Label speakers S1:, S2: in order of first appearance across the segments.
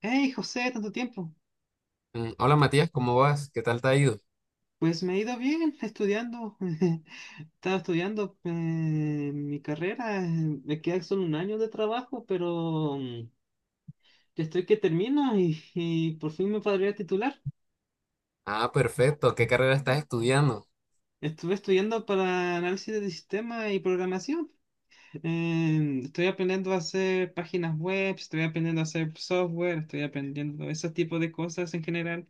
S1: Hey, José, tanto tiempo.
S2: Hola Matías, ¿cómo vas? ¿Qué tal te ha ido?
S1: Pues me ha ido bien estudiando. Estaba estudiando mi carrera. Me queda solo un año de trabajo, pero ya estoy que termino y por fin me podría titular.
S2: Ah, perfecto. ¿Qué carrera estás estudiando?
S1: Estuve estudiando para análisis de sistemas y programación. Estoy aprendiendo a hacer páginas web, estoy aprendiendo a hacer software, estoy aprendiendo ese tipo de cosas en general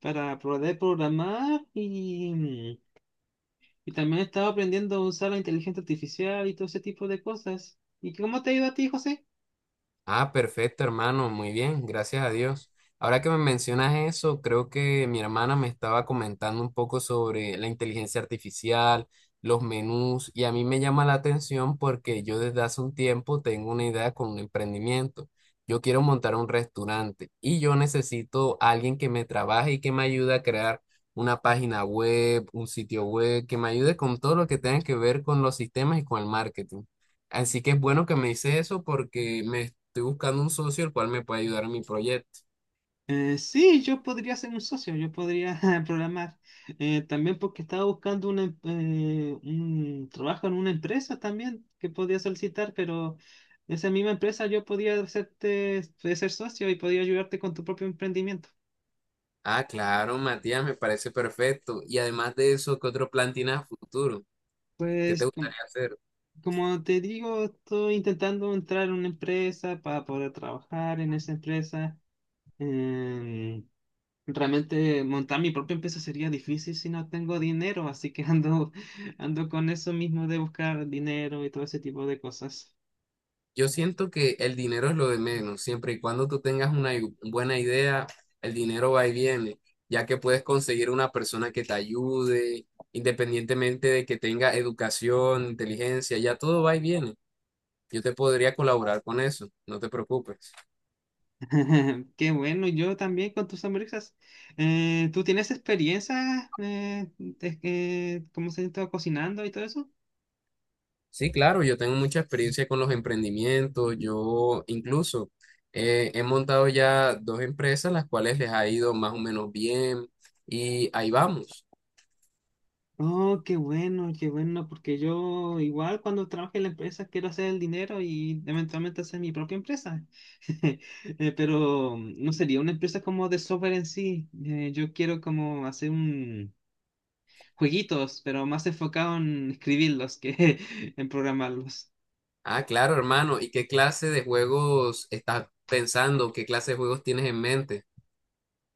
S1: para poder programar. Y también estaba aprendiendo a usar la inteligencia artificial y todo ese tipo de cosas. ¿Y cómo te ha ido a ti, José?
S2: Ah, perfecto, hermano, muy bien, gracias a Dios. Ahora que me mencionas eso, creo que mi hermana me estaba comentando un poco sobre la inteligencia artificial, los menús, y a mí me llama la atención porque yo desde hace un tiempo tengo una idea con un emprendimiento. Yo quiero montar un restaurante y yo necesito a alguien que me trabaje y que me ayude a crear una página web, un sitio web, que me ayude con todo lo que tenga que ver con los sistemas y con el marketing. Así que es bueno que me dices eso porque me estoy buscando un socio el cual me pueda ayudar en mi proyecto.
S1: Sí, yo podría ser un socio, yo podría programar. También porque estaba buscando un trabajo en una empresa también que podía solicitar, pero esa misma empresa yo podía hacerte ser socio y podía ayudarte con tu propio emprendimiento.
S2: Ah, claro, Matías, me parece perfecto. Y además de eso, ¿qué otro plan tienes a futuro? ¿Qué te
S1: Pues com-
S2: gustaría hacer?
S1: Como te digo, estoy intentando entrar en una empresa para poder trabajar en esa empresa. Em, Realmente montar mi propia empresa sería difícil si no tengo dinero, así que ando con eso mismo de buscar dinero y todo ese tipo de cosas.
S2: Yo siento que el dinero es lo de menos. Siempre y cuando tú tengas una buena idea, el dinero va y viene, ya que puedes conseguir una persona que te ayude, independientemente de que tenga educación, inteligencia, ya todo va y viene. Yo te podría colaborar con eso, no te preocupes.
S1: Qué bueno, yo también con tus hamburguesas. ¿Tú tienes experiencia, cómo se está cocinando y todo eso?
S2: Sí, claro, yo tengo mucha experiencia con los emprendimientos. Yo incluso he montado ya dos empresas, las cuales les ha ido más o menos bien y ahí vamos.
S1: Oh, qué bueno, porque yo igual cuando trabaje en la empresa quiero hacer el dinero y eventualmente hacer mi propia empresa. Pero no sería una empresa como de software en sí. Yo quiero como hacer un jueguitos, pero más enfocado en escribirlos que en programarlos.
S2: Ah, claro, hermano. ¿Y qué clase de juegos estás pensando? ¿Qué clase de juegos tienes en mente?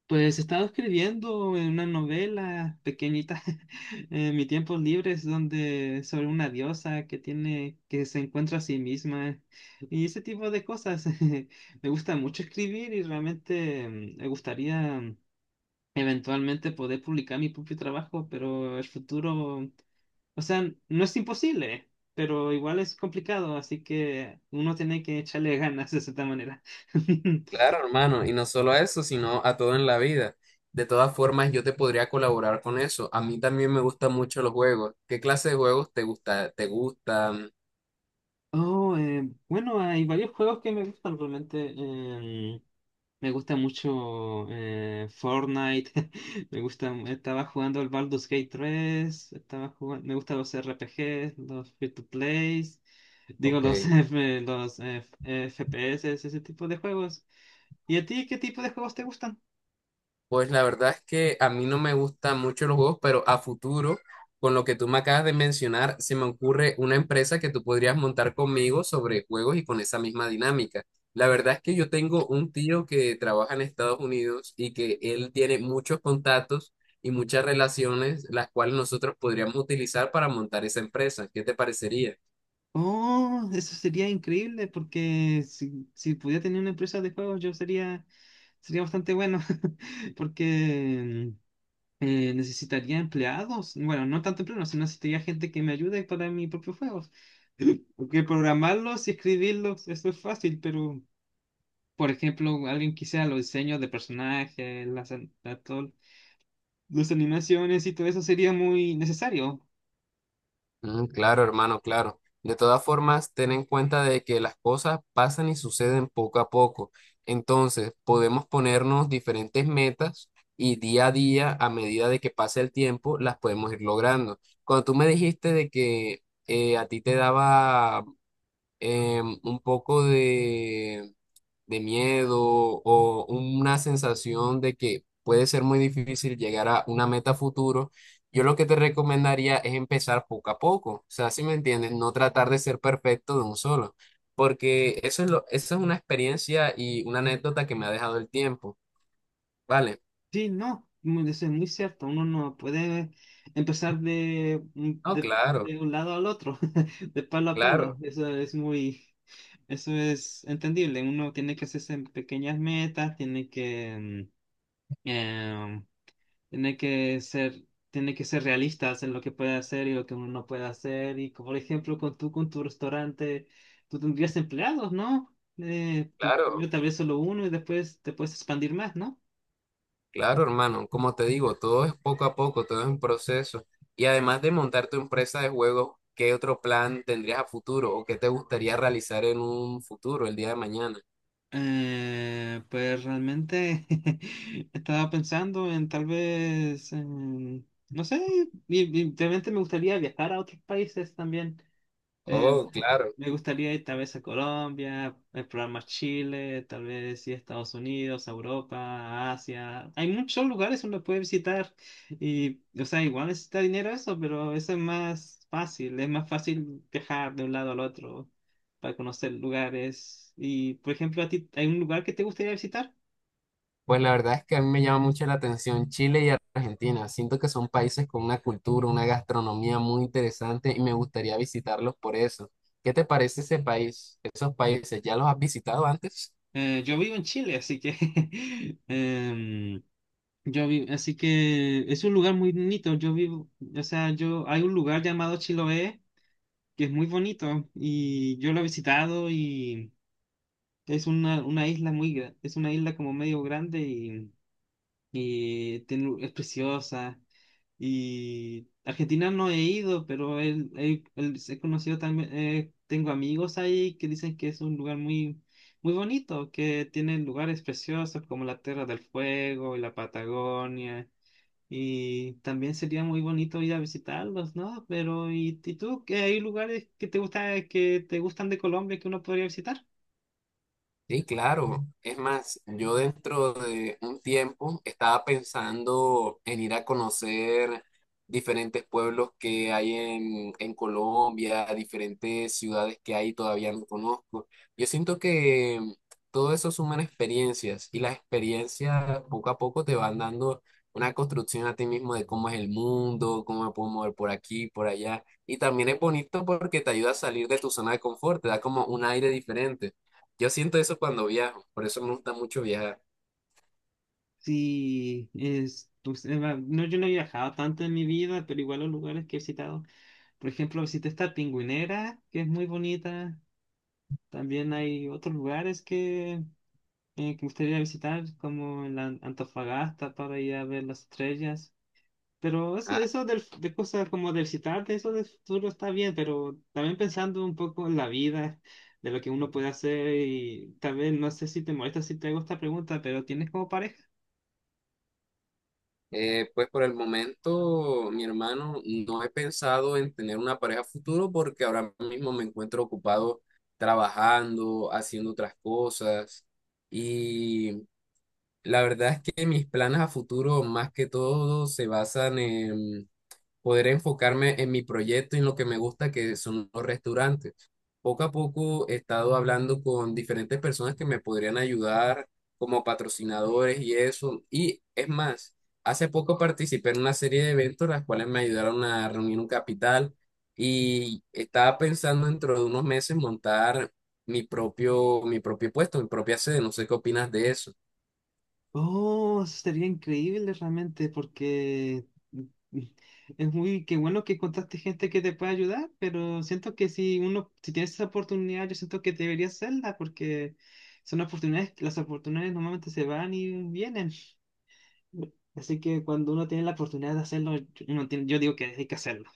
S1: Pues he estado escribiendo en una novela pequeñita en mi tiempo libre, es donde sobre una diosa que se encuentra a sí misma y ese tipo de cosas. Me gusta mucho escribir y realmente me gustaría eventualmente poder publicar mi propio trabajo, pero el futuro, o sea, no es imposible, pero igual es complicado, así que uno tiene que echarle ganas de cierta manera.
S2: Claro, hermano. Y no solo a eso, sino a todo en la vida. De todas formas, yo te podría colaborar con eso. A mí también me gustan mucho los juegos. ¿Qué clase de juegos te gusta, te gustan?
S1: Oh, bueno, hay varios juegos que me gustan realmente. Me gusta mucho Fortnite. Me gusta. Estaba jugando el Baldur's Gate tres. Estaba jugando. Me gustan los RPGs, los free to plays. Digo,
S2: Ok.
S1: FPS, ese tipo de juegos. ¿Y a ti qué tipo de juegos te gustan?
S2: Pues la verdad es que a mí no me gustan mucho los juegos, pero a futuro, con lo que tú me acabas de mencionar, se me ocurre una empresa que tú podrías montar conmigo sobre juegos y con esa misma dinámica. La verdad es que yo tengo un tío que trabaja en Estados Unidos y que él tiene muchos contactos y muchas relaciones, las cuales nosotros podríamos utilizar para montar esa empresa. ¿Qué te parecería?
S1: Oh, eso sería increíble porque si pudiera tener una empresa de juegos yo sería bastante bueno porque necesitaría empleados. Bueno, no tanto empleados, sino necesitaría gente que me ayude para mis propios juegos. Porque programarlos y escribirlos, eso es fácil, pero, por ejemplo, alguien que sea los diseños de personajes, las animaciones y todo eso sería muy necesario.
S2: Mm, claro, hermano, claro. De todas formas, ten en cuenta de que las cosas pasan y suceden poco a poco. Entonces, podemos ponernos diferentes metas y día a día, a medida de que pase el tiempo, las podemos ir logrando. Cuando tú me dijiste de que a ti te daba un poco de miedo o una sensación de que puede ser muy difícil llegar a una meta futuro, yo lo que te recomendaría es empezar poco a poco. O sea, si me entiendes, no tratar de ser perfecto de un solo, porque eso es lo, eso es una experiencia y una anécdota que me ha dejado el tiempo, ¿vale?
S1: Sí, no, eso es muy cierto. Uno no puede empezar
S2: No, claro,
S1: de un lado al otro, de palo a palo.
S2: claro,
S1: Eso es entendible. Uno tiene que hacerse pequeñas metas, tiene que, mm, em, tiene que ser, tiene que ser realistas en lo que puede hacer y lo que uno no puede hacer. Y como, por ejemplo, con tu restaurante, tú tendrías empleados, ¿no? Primero
S2: claro.
S1: tal vez solo uno y después te puedes expandir más, ¿no?
S2: Claro, hermano, como te digo, todo es poco a poco, todo es un proceso. Y además de montar tu empresa de juegos, ¿qué otro plan tendrías a futuro o qué te gustaría realizar en un futuro, el día de mañana?
S1: Pues realmente estaba pensando en tal vez, no sé, y realmente me gustaría viajar a otros países también.
S2: Oh,
S1: Eh,
S2: claro.
S1: Me gustaría ir tal vez a Colombia, explorar más Chile, tal vez ir a Estados Unidos, a Europa, a Asia. Hay muchos lugares uno puede visitar y, o sea, igual necesita dinero eso, pero eso es más fácil. Es más fácil viajar de un lado al otro para conocer lugares. Y, por ejemplo, ¿a ti hay un lugar que te gustaría visitar?
S2: Pues la verdad es que a mí me llama mucho la atención Chile y Argentina. Siento que son países con una cultura, una gastronomía muy interesante y me gustaría visitarlos por eso. ¿Qué te parece ese país, esos países? ¿Ya los has visitado antes?
S1: Yo vivo en Chile, así que em, así que es un lugar muy bonito. Yo vivo, o sea, yo hay un lugar llamado Chiloé que es muy bonito y yo lo he visitado y es una isla es una isla como medio grande es preciosa. Y Argentina no he ido, pero he conocido también, tengo amigos ahí que dicen que es un lugar muy bonito, que tiene lugares preciosos como la Tierra del Fuego y la Patagonia. Y también sería muy bonito ir a visitarlos, ¿no? Pero, ¿y tú? ¿Qué hay lugares que te gustan de Colombia que uno podría visitar?
S2: Sí, claro. Es más, yo dentro de un tiempo estaba pensando en ir a conocer diferentes pueblos que hay en Colombia, diferentes ciudades que hay todavía no conozco. Yo siento que todo eso suman experiencias y las experiencias poco a poco te van dando una construcción a ti mismo de cómo es el mundo, cómo me puedo mover por aquí, por allá. Y también es bonito porque te ayuda a salir de tu zona de confort, te da como un aire diferente. Yo siento eso cuando viajo, por eso me gusta mucho viajar.
S1: Sí, es, pues, no, yo no he viajado tanto en mi vida, pero igual los lugares que he visitado. Por ejemplo, visité esta Pingüinera, que es muy bonita. También hay otros lugares que me gustaría visitar, como en la Antofagasta, para ir a ver las estrellas. Pero
S2: Ah,
S1: eso de cosas como del citarte, eso del futuro está bien, pero también pensando un poco en la vida, de lo que uno puede hacer y tal vez, no sé si te molesta si te hago esta pregunta, pero ¿tienes como pareja?
S2: pues por el momento, mi hermano, no he pensado en tener una pareja futuro porque ahora mismo me encuentro ocupado trabajando, haciendo otras cosas y la verdad es que mis planes a futuro más que todo se basan en poder enfocarme en mi proyecto y en lo que me gusta, que son los restaurantes. Poco a poco he estado hablando con diferentes personas que me podrían ayudar como patrocinadores y eso. Y es más, hace poco participé en una serie de eventos, las cuales me ayudaron a reunir un capital y estaba pensando dentro de unos meses montar mi propio puesto, mi propia sede. No sé qué opinas de eso.
S1: Oh, eso sería increíble realmente porque es muy, qué bueno que encontraste gente que te pueda ayudar, pero siento que si tienes esa oportunidad, yo siento que deberías hacerla porque son oportunidades, las oportunidades normalmente se van y vienen. Así que cuando uno tiene la oportunidad de hacerlo, yo digo que hay que hacerlo.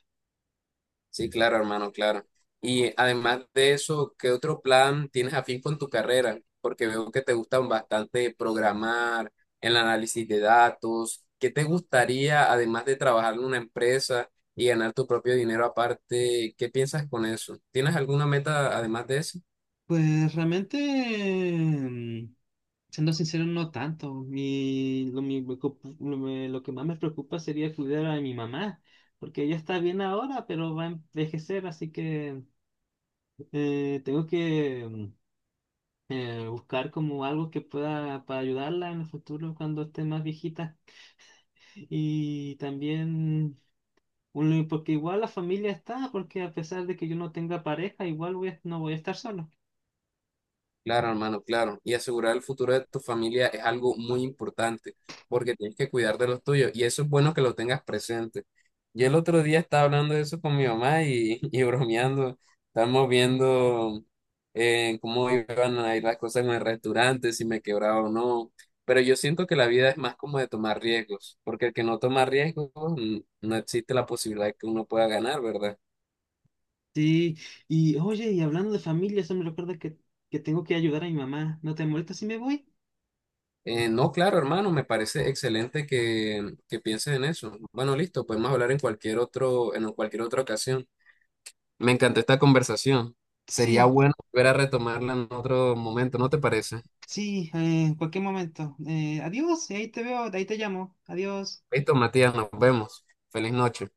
S2: Sí, claro, hermano, claro. Y además de eso, ¿qué otro plan tienes afín con tu carrera? Porque veo que te gustan bastante programar, el análisis de datos. ¿Qué te gustaría, además de trabajar en una empresa y ganar tu propio dinero aparte? ¿Qué piensas con eso? ¿Tienes alguna meta además de eso?
S1: Pues realmente, mm, siendo sincero, no tanto. Mi, lo, mi- me ocup- lo me- Lo que más me preocupa sería cuidar a mi mamá, porque ella está bien ahora, pero va a envejecer, así que eh, tengo que mm, buscar como algo que pueda para ayudarla en el futuro cuando esté más viejita. Y también... un Porque igual la familia está, porque a pesar de que yo no tenga pareja, igual no voy a estar solo.
S2: Claro, hermano, claro. Y asegurar el futuro de tu familia es algo muy importante porque tienes que cuidar de los tuyos y eso es bueno que lo tengas presente. Yo el otro día estaba hablando de eso con mi mamá y, y bromeando. Estábamos viendo cómo iban a ir las cosas en el restaurante, si me quebraba o no. Pero yo siento que la vida es más como de tomar riesgos, porque el que no toma riesgos no existe la posibilidad de que uno pueda ganar, ¿verdad?
S1: Sí, y oye, y hablando de familia, eso me recuerda que tengo que ayudar a mi mamá. ¿No te molesta si me voy?
S2: No, claro, hermano, me parece excelente que pienses en eso. Bueno, listo, podemos hablar en cualquier en cualquier otra ocasión. Me encantó esta conversación. Sería
S1: Sí,
S2: bueno volver a retomarla en otro momento, ¿no te parece?
S1: sí, en cualquier momento. Adiós, ahí te veo, ahí te llamo. Adiós.
S2: Listo, Matías, nos vemos. Feliz noche.